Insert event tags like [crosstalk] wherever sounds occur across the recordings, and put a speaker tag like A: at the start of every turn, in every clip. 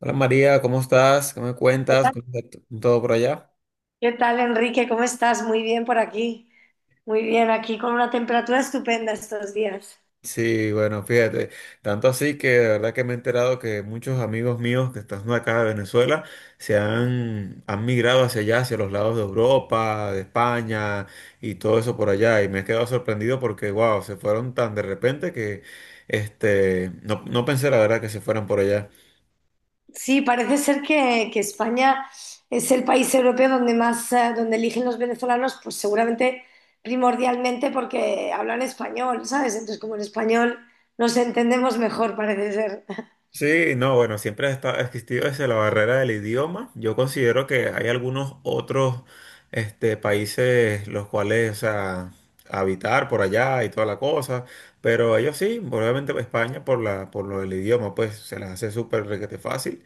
A: Hola María, ¿cómo estás? ¿Qué me
B: ¿Qué
A: cuentas?
B: tal,
A: ¿Cómo está todo por allá?
B: Enrique? ¿Cómo estás? Muy bien por aquí. Muy bien, aquí con una temperatura estupenda estos días.
A: Sí, bueno, fíjate, tanto así que de verdad que me he enterado que muchos amigos míos que están acá de Venezuela se han migrado hacia allá, hacia los lados de Europa, de España y todo eso por allá. Y me he quedado sorprendido porque, wow, se fueron tan de repente que no, no pensé la verdad que se fueran por allá.
B: Sí, parece ser que España es el país europeo donde más, donde eligen los venezolanos, pues seguramente primordialmente porque hablan español, ¿sabes? Entonces, como en español nos entendemos mejor, parece ser.
A: Sí, no, bueno, siempre ha existido desde la barrera del idioma. Yo considero que hay algunos otros países los cuales, o sea, habitar por allá y toda la cosa, pero ellos sí, obviamente pues, España por lo del idioma, pues se les hace súper requete fácil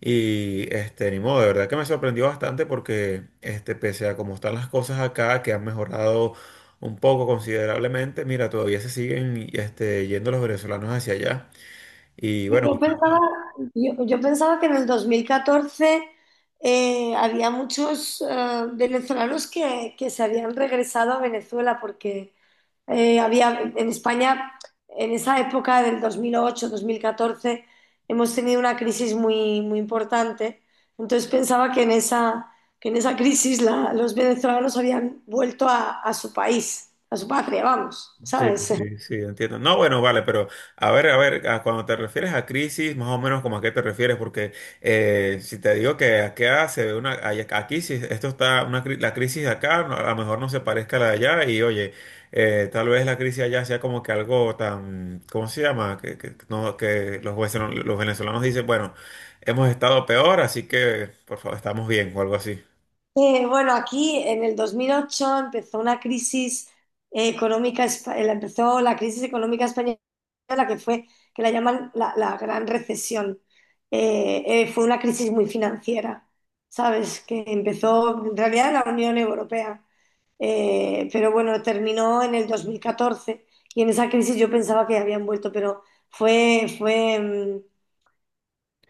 A: y ni modo, de verdad que me sorprendió bastante porque pese a cómo están las cosas acá, que han mejorado un poco considerablemente, mira, todavía se siguen yendo los venezolanos hacia allá y
B: Sí,
A: bueno.
B: yo pensaba, yo pensaba que en el 2014 había muchos venezolanos que se habían regresado a Venezuela porque había en España, en esa época del 2008-2014, hemos tenido una crisis muy, muy importante. Entonces pensaba que en esa crisis los venezolanos habían vuelto a su país, a su patria, vamos,
A: Sí,
B: ¿sabes?
A: sí, sí, entiendo. No, bueno, vale, pero a ver, a ver, a cuando te refieres a crisis, más o menos como a qué te refieres, porque si te digo que acá se ve aquí si esto está, la crisis de acá a lo mejor no se parezca a la de allá, y oye, tal vez la crisis allá sea como que algo tan, ¿cómo se llama? Que, no, que los venezolanos dicen, bueno, hemos estado peor, así que por favor, estamos bien o algo así.
B: Bueno, aquí en el 2008 empezó una crisis económica, empezó la crisis económica española que fue, que la llaman la Gran Recesión. Fue una crisis muy financiera, ¿sabes? Que empezó en realidad en la Unión Europea, pero bueno, terminó en el 2014. Y en esa crisis yo pensaba que habían vuelto, pero fue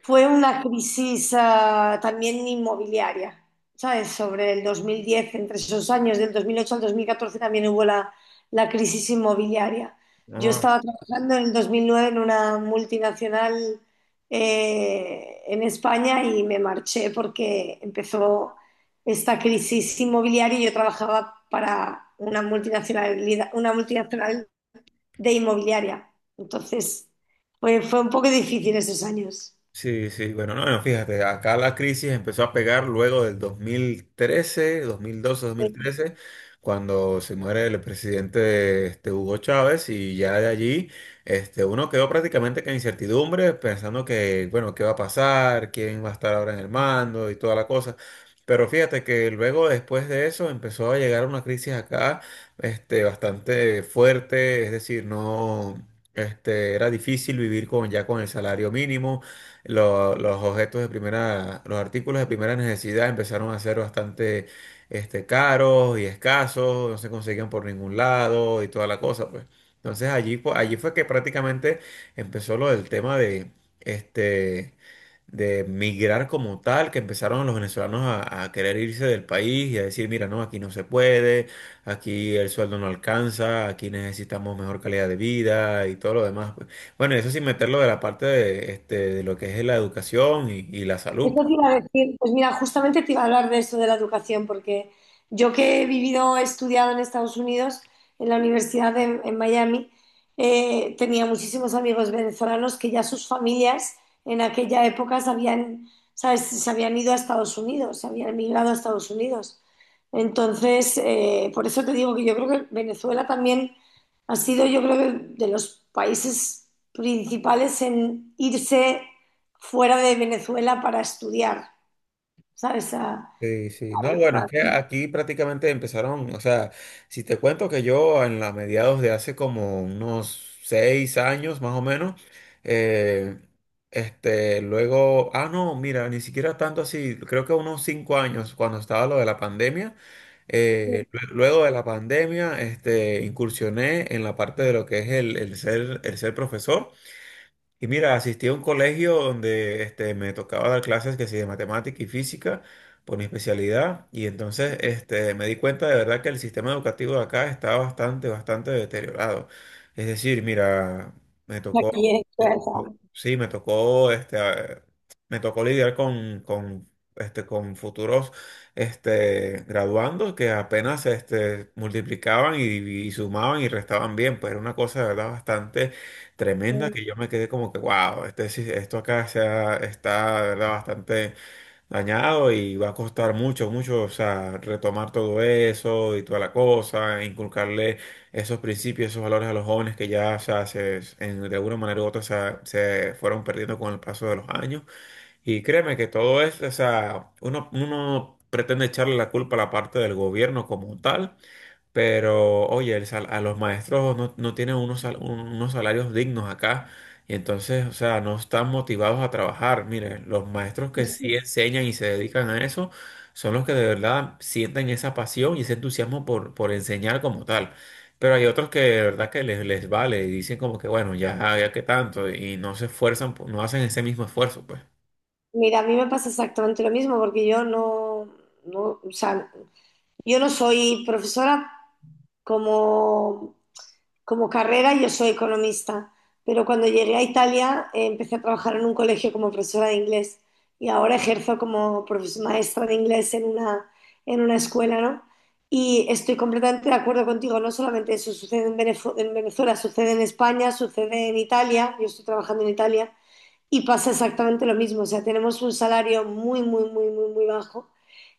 B: fue una crisis también inmobiliaria, ¿sabes? Sobre el 2010, entre esos años, del 2008 al 2014 también hubo la crisis inmobiliaria. Yo
A: ¿No?
B: estaba trabajando en el 2009 en una multinacional en España y me marché porque empezó esta crisis inmobiliaria y yo trabajaba para una multinacionalidad, una multinacional de inmobiliaria. Entonces, fue un poco difícil esos años.
A: Sí, sí, bueno, no, no, fíjate, acá la crisis empezó a pegar luego del 2013, 2012, 2013, cuando se muere el presidente Hugo Chávez, y ya de allí uno quedó prácticamente con incertidumbre, pensando que, bueno, qué va a pasar, quién va a estar ahora en el mando y toda la cosa. Pero fíjate que luego después de eso empezó a llegar una crisis acá bastante fuerte, es decir, no. Este, era difícil vivir ya con el salario mínimo. Los objetos de primera, los artículos de primera necesidad empezaron a ser bastante caros y escasos, no se conseguían por ningún lado y toda la cosa, pues. Entonces allí, allí fue que prácticamente empezó lo del tema de este de migrar como tal, que empezaron los venezolanos a querer irse del país y a decir, mira, no, aquí no se puede, aquí el sueldo no alcanza, aquí necesitamos mejor calidad de vida y todo lo demás, pues. Bueno, eso sin meterlo de la parte de lo que es la educación y la
B: Eso
A: salud.
B: te iba a decir, pues mira, justamente te iba a hablar de esto de la educación, porque yo que he vivido, he estudiado en Estados Unidos, en la en Miami, tenía muchísimos amigos venezolanos que ya sus familias en aquella época se habían, ¿sabes? Se habían ido a Estados Unidos, se habían emigrado a Estados Unidos. Entonces, por eso te digo que yo creo que Venezuela también ha sido, yo creo que de los países principales en irse fuera de Venezuela para estudiar, ¿sabes?
A: Sí, sí, no, bueno, es que aquí prácticamente empezaron, o sea, si te cuento que yo en la mediados de hace como unos 6 años más o menos, eh, luego, ah, no, mira, ni siquiera tanto así, creo que unos 5 años cuando estaba lo de la pandemia, luego de la pandemia, incursioné en la parte de lo que es el ser profesor. Y mira, asistí a un colegio donde me tocaba dar clases que sí de matemática y física por mi especialidad y entonces me di cuenta de verdad que el sistema educativo de acá está bastante, bastante deteriorado. Es decir, mira, me tocó,
B: Aquí en Suecia.
A: sí, me tocó, me tocó lidiar con futuros graduandos que apenas multiplicaban y sumaban y restaban bien, pues era una cosa de verdad bastante tremenda, que yo me quedé como que, wow, esto acá está, de verdad, bastante dañado y va a costar mucho, mucho, o sea, retomar todo eso y toda la cosa, inculcarle esos principios, esos valores a los jóvenes que ya, o sea, de alguna manera u otra se fueron perdiendo con el paso de los años. Y créeme que todo eso, o sea, uno pretende echarle la culpa a la parte del gobierno como tal. Pero, oye, a los maestros no, no tienen unos salarios dignos acá. Y entonces, o sea, no están motivados a trabajar. Mire, los maestros que sí enseñan y se dedican a eso son los que de verdad sienten esa pasión y ese entusiasmo por enseñar como tal. Pero hay otros que de verdad que les vale y dicen como que, bueno, ya, ya que tanto, y no se esfuerzan, no hacen ese mismo esfuerzo, pues.
B: Mira, a mí me pasa exactamente lo mismo porque yo no, no, o sea, yo no soy profesora como como carrera yo soy economista, pero cuando llegué a Italia empecé a trabajar en un colegio como profesora de inglés y ahora ejerzo como maestra de inglés en una escuela, ¿no? Y estoy completamente de acuerdo contigo, no solamente eso sucede en Venezuela, sucede en España, sucede en Italia, yo estoy trabajando en Italia y pasa exactamente lo mismo, o sea, tenemos un salario muy, muy, muy, muy, muy bajo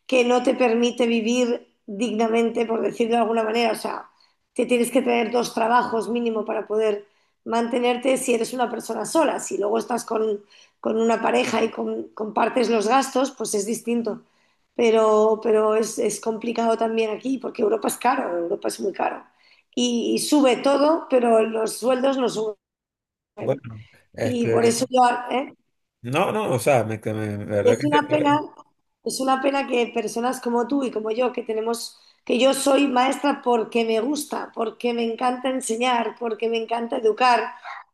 B: que no te permite vivir dignamente, por decirlo de alguna manera. O sea, te tienes que tener dos trabajos mínimo para poder mantenerte si eres una persona sola. Si luego estás con una pareja y compartes los gastos, pues es distinto. Pero es complicado también aquí porque Europa es caro, Europa es muy caro. Y sube todo, pero los sueldos no suben.
A: Bueno,
B: Y por
A: este,
B: eso yo, ¿eh?
A: no, no, o sea, la verdad
B: Es
A: que.
B: una pena, es una pena que personas como tú y como yo, que tenemos, que yo soy maestra porque me gusta, porque me encanta enseñar, porque me encanta educar,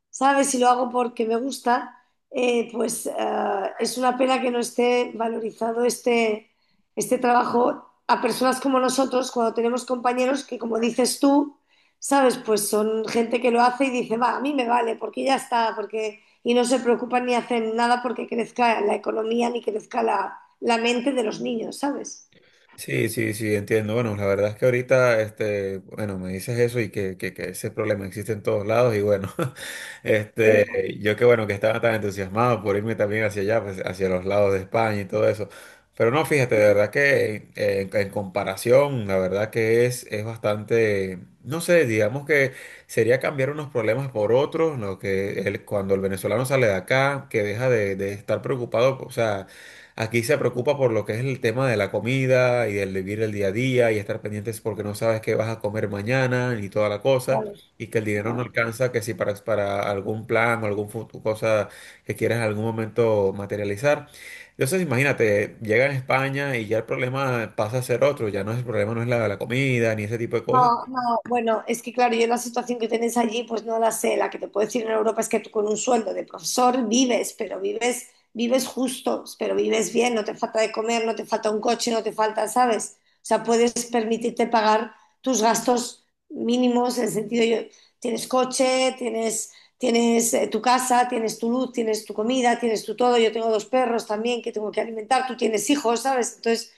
B: ¿sabes? Si lo hago porque me gusta, pues es una pena que no esté valorizado este trabajo a personas como nosotros, cuando tenemos compañeros que, como dices tú, ¿sabes? Pues son gente que lo hace y dice, va, a mí me vale, porque ya está, porque y no se preocupan ni hacen nada porque crezca la economía ni crezca la mente de los niños, ¿sabes?
A: Sí, sí, sí, entiendo. Bueno, la verdad es que ahorita, bueno, me dices eso y que ese problema existe en todos lados y bueno, [laughs] yo que bueno, que estaba tan entusiasmado por irme también hacia allá, pues, hacia los lados de España y todo eso. Pero no, fíjate, de verdad que en comparación, la verdad que es bastante, no sé, digamos que sería cambiar unos problemas por otros, lo que cuando el venezolano sale de acá, que deja de estar preocupado, o sea. Aquí se preocupa por lo que es el tema de la comida y el vivir el día a día y estar pendientes porque no sabes qué vas a comer mañana ni toda la cosa
B: Claro,
A: y que el dinero no
B: claro.
A: alcanza, que si para algún plan o algún cosa que quieras en algún momento materializar. Entonces, imagínate, llega a España y ya el problema pasa a ser otro, ya no es el problema, no es la comida ni ese tipo de cosas.
B: No, no, bueno, es que claro, yo la situación que tenéis allí, pues no la sé. La que te puedo decir en Europa es que tú con un sueldo de profesor vives, pero vives, vives justo, pero vives bien, no te falta de comer, no te falta un coche, no te falta, ¿sabes? O sea, puedes permitirte pagar tus gastos mínimos, en el sentido, yo, tienes coche, tienes, tienes tu casa, tienes tu luz, tienes tu comida, tienes tu todo. Yo tengo dos perros también que tengo que alimentar, tú tienes hijos, ¿sabes? Entonces,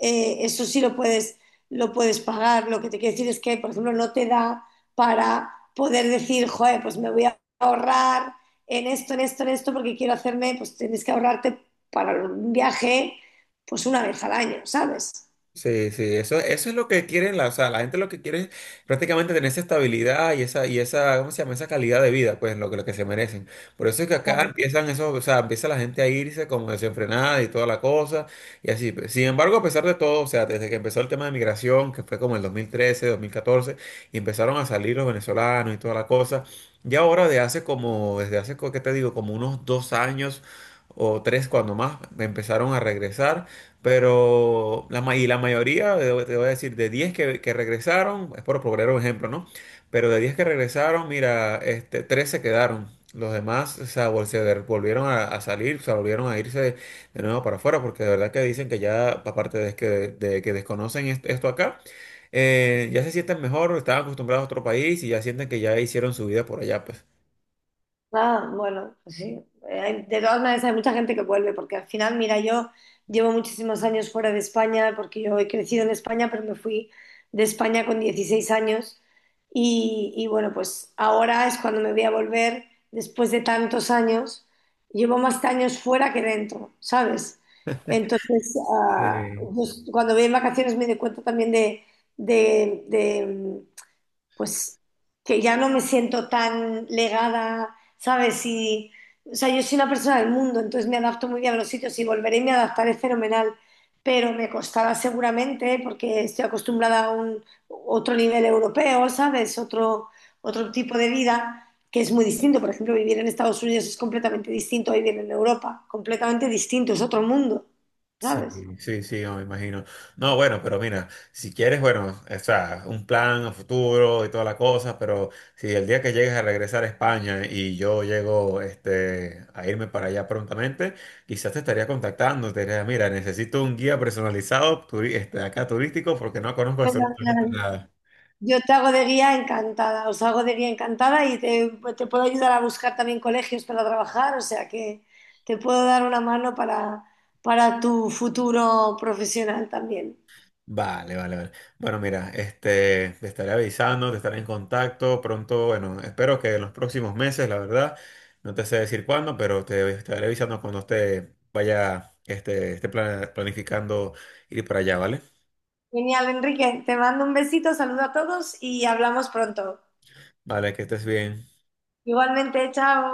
B: eso sí lo puedes pagar. Lo que te quiero decir es que, por ejemplo, no te da para poder decir, joder, pues me voy a ahorrar en esto, en esto, en esto, porque quiero hacerme, pues tienes que ahorrarte para un viaje, pues una vez al año, ¿sabes?
A: Sí, sí, eso es lo que quieren la, o sea, la gente lo que quiere es prácticamente tener esa estabilidad y esa, ¿cómo se llama? Esa calidad de vida, pues, lo que se merecen. Por eso es que acá
B: Claro.
A: empiezan esos, o sea, empieza la gente a irse como desenfrenada y toda la cosa, y así, pues. Sin embargo, a pesar de todo, o sea, desde que empezó el tema de migración, que fue como el dos mil trece, 2014, y empezaron a salir los venezolanos y toda la cosa, y ahora de hace como, desde hace, ¿qué te digo? Como unos 2 años o tres cuando más, empezaron a regresar. Pero la, y la mayoría, te voy a decir, de 10 que regresaron, es por poner un ejemplo, ¿no? Pero de 10 que regresaron, mira, 3 se quedaron. Los demás, o sea, volvieron a salir, o sea, volvieron a irse de nuevo para afuera, porque de verdad que dicen que ya, aparte de que desconocen esto acá, ya se sienten mejor, estaban acostumbrados a otro país y ya sienten que ya hicieron su vida por allá, pues.
B: Ah, bueno, pues sí. De todas maneras, hay mucha gente que vuelve, porque al final, mira, yo llevo muchísimos años fuera de España, porque yo he crecido en España, pero me fui de España con 16 años. Y bueno, pues ahora es cuando me voy a volver después de tantos años. Llevo más años fuera que dentro, ¿sabes? Entonces,
A: Sí.
B: cuando voy en vacaciones me doy cuenta también de, pues que ya no me siento tan legada, ¿sabes? Y, o sea, yo soy una persona del mundo, entonces me adapto muy bien a los sitios y volveré y me adaptaré fenomenal, pero me costará seguramente porque estoy acostumbrada a un otro nivel europeo, ¿sabes? Otro, otro tipo de vida que es muy distinto. Por ejemplo, vivir en Estados Unidos es completamente distinto a vivir en Europa, completamente distinto, es otro mundo,
A: Sí,
B: ¿sabes?
A: sí, sí, no, me imagino. No, bueno, pero mira, si quieres, bueno, o sea, un plan a futuro y toda la cosa, pero si el día que llegues a regresar a España y yo llego a irme para allá prontamente, quizás te estaría contactando, te diría, mira, necesito un guía personalizado acá turístico porque no conozco absolutamente nada.
B: Yo te hago de guía encantada, os hago de guía encantada y te puedo ayudar a buscar también colegios para trabajar, o sea que te puedo dar una mano para tu futuro profesional también.
A: Vale, vale, vale. Bueno, mira, te estaré avisando, te estaré en contacto pronto. Bueno, espero que en los próximos meses, la verdad, no te sé decir cuándo, pero te estaré avisando cuando esté planificando ir para allá, ¿vale?
B: Genial, Enrique, te mando un besito, saludo a todos y hablamos pronto.
A: Vale, que estés bien.
B: Igualmente, chao.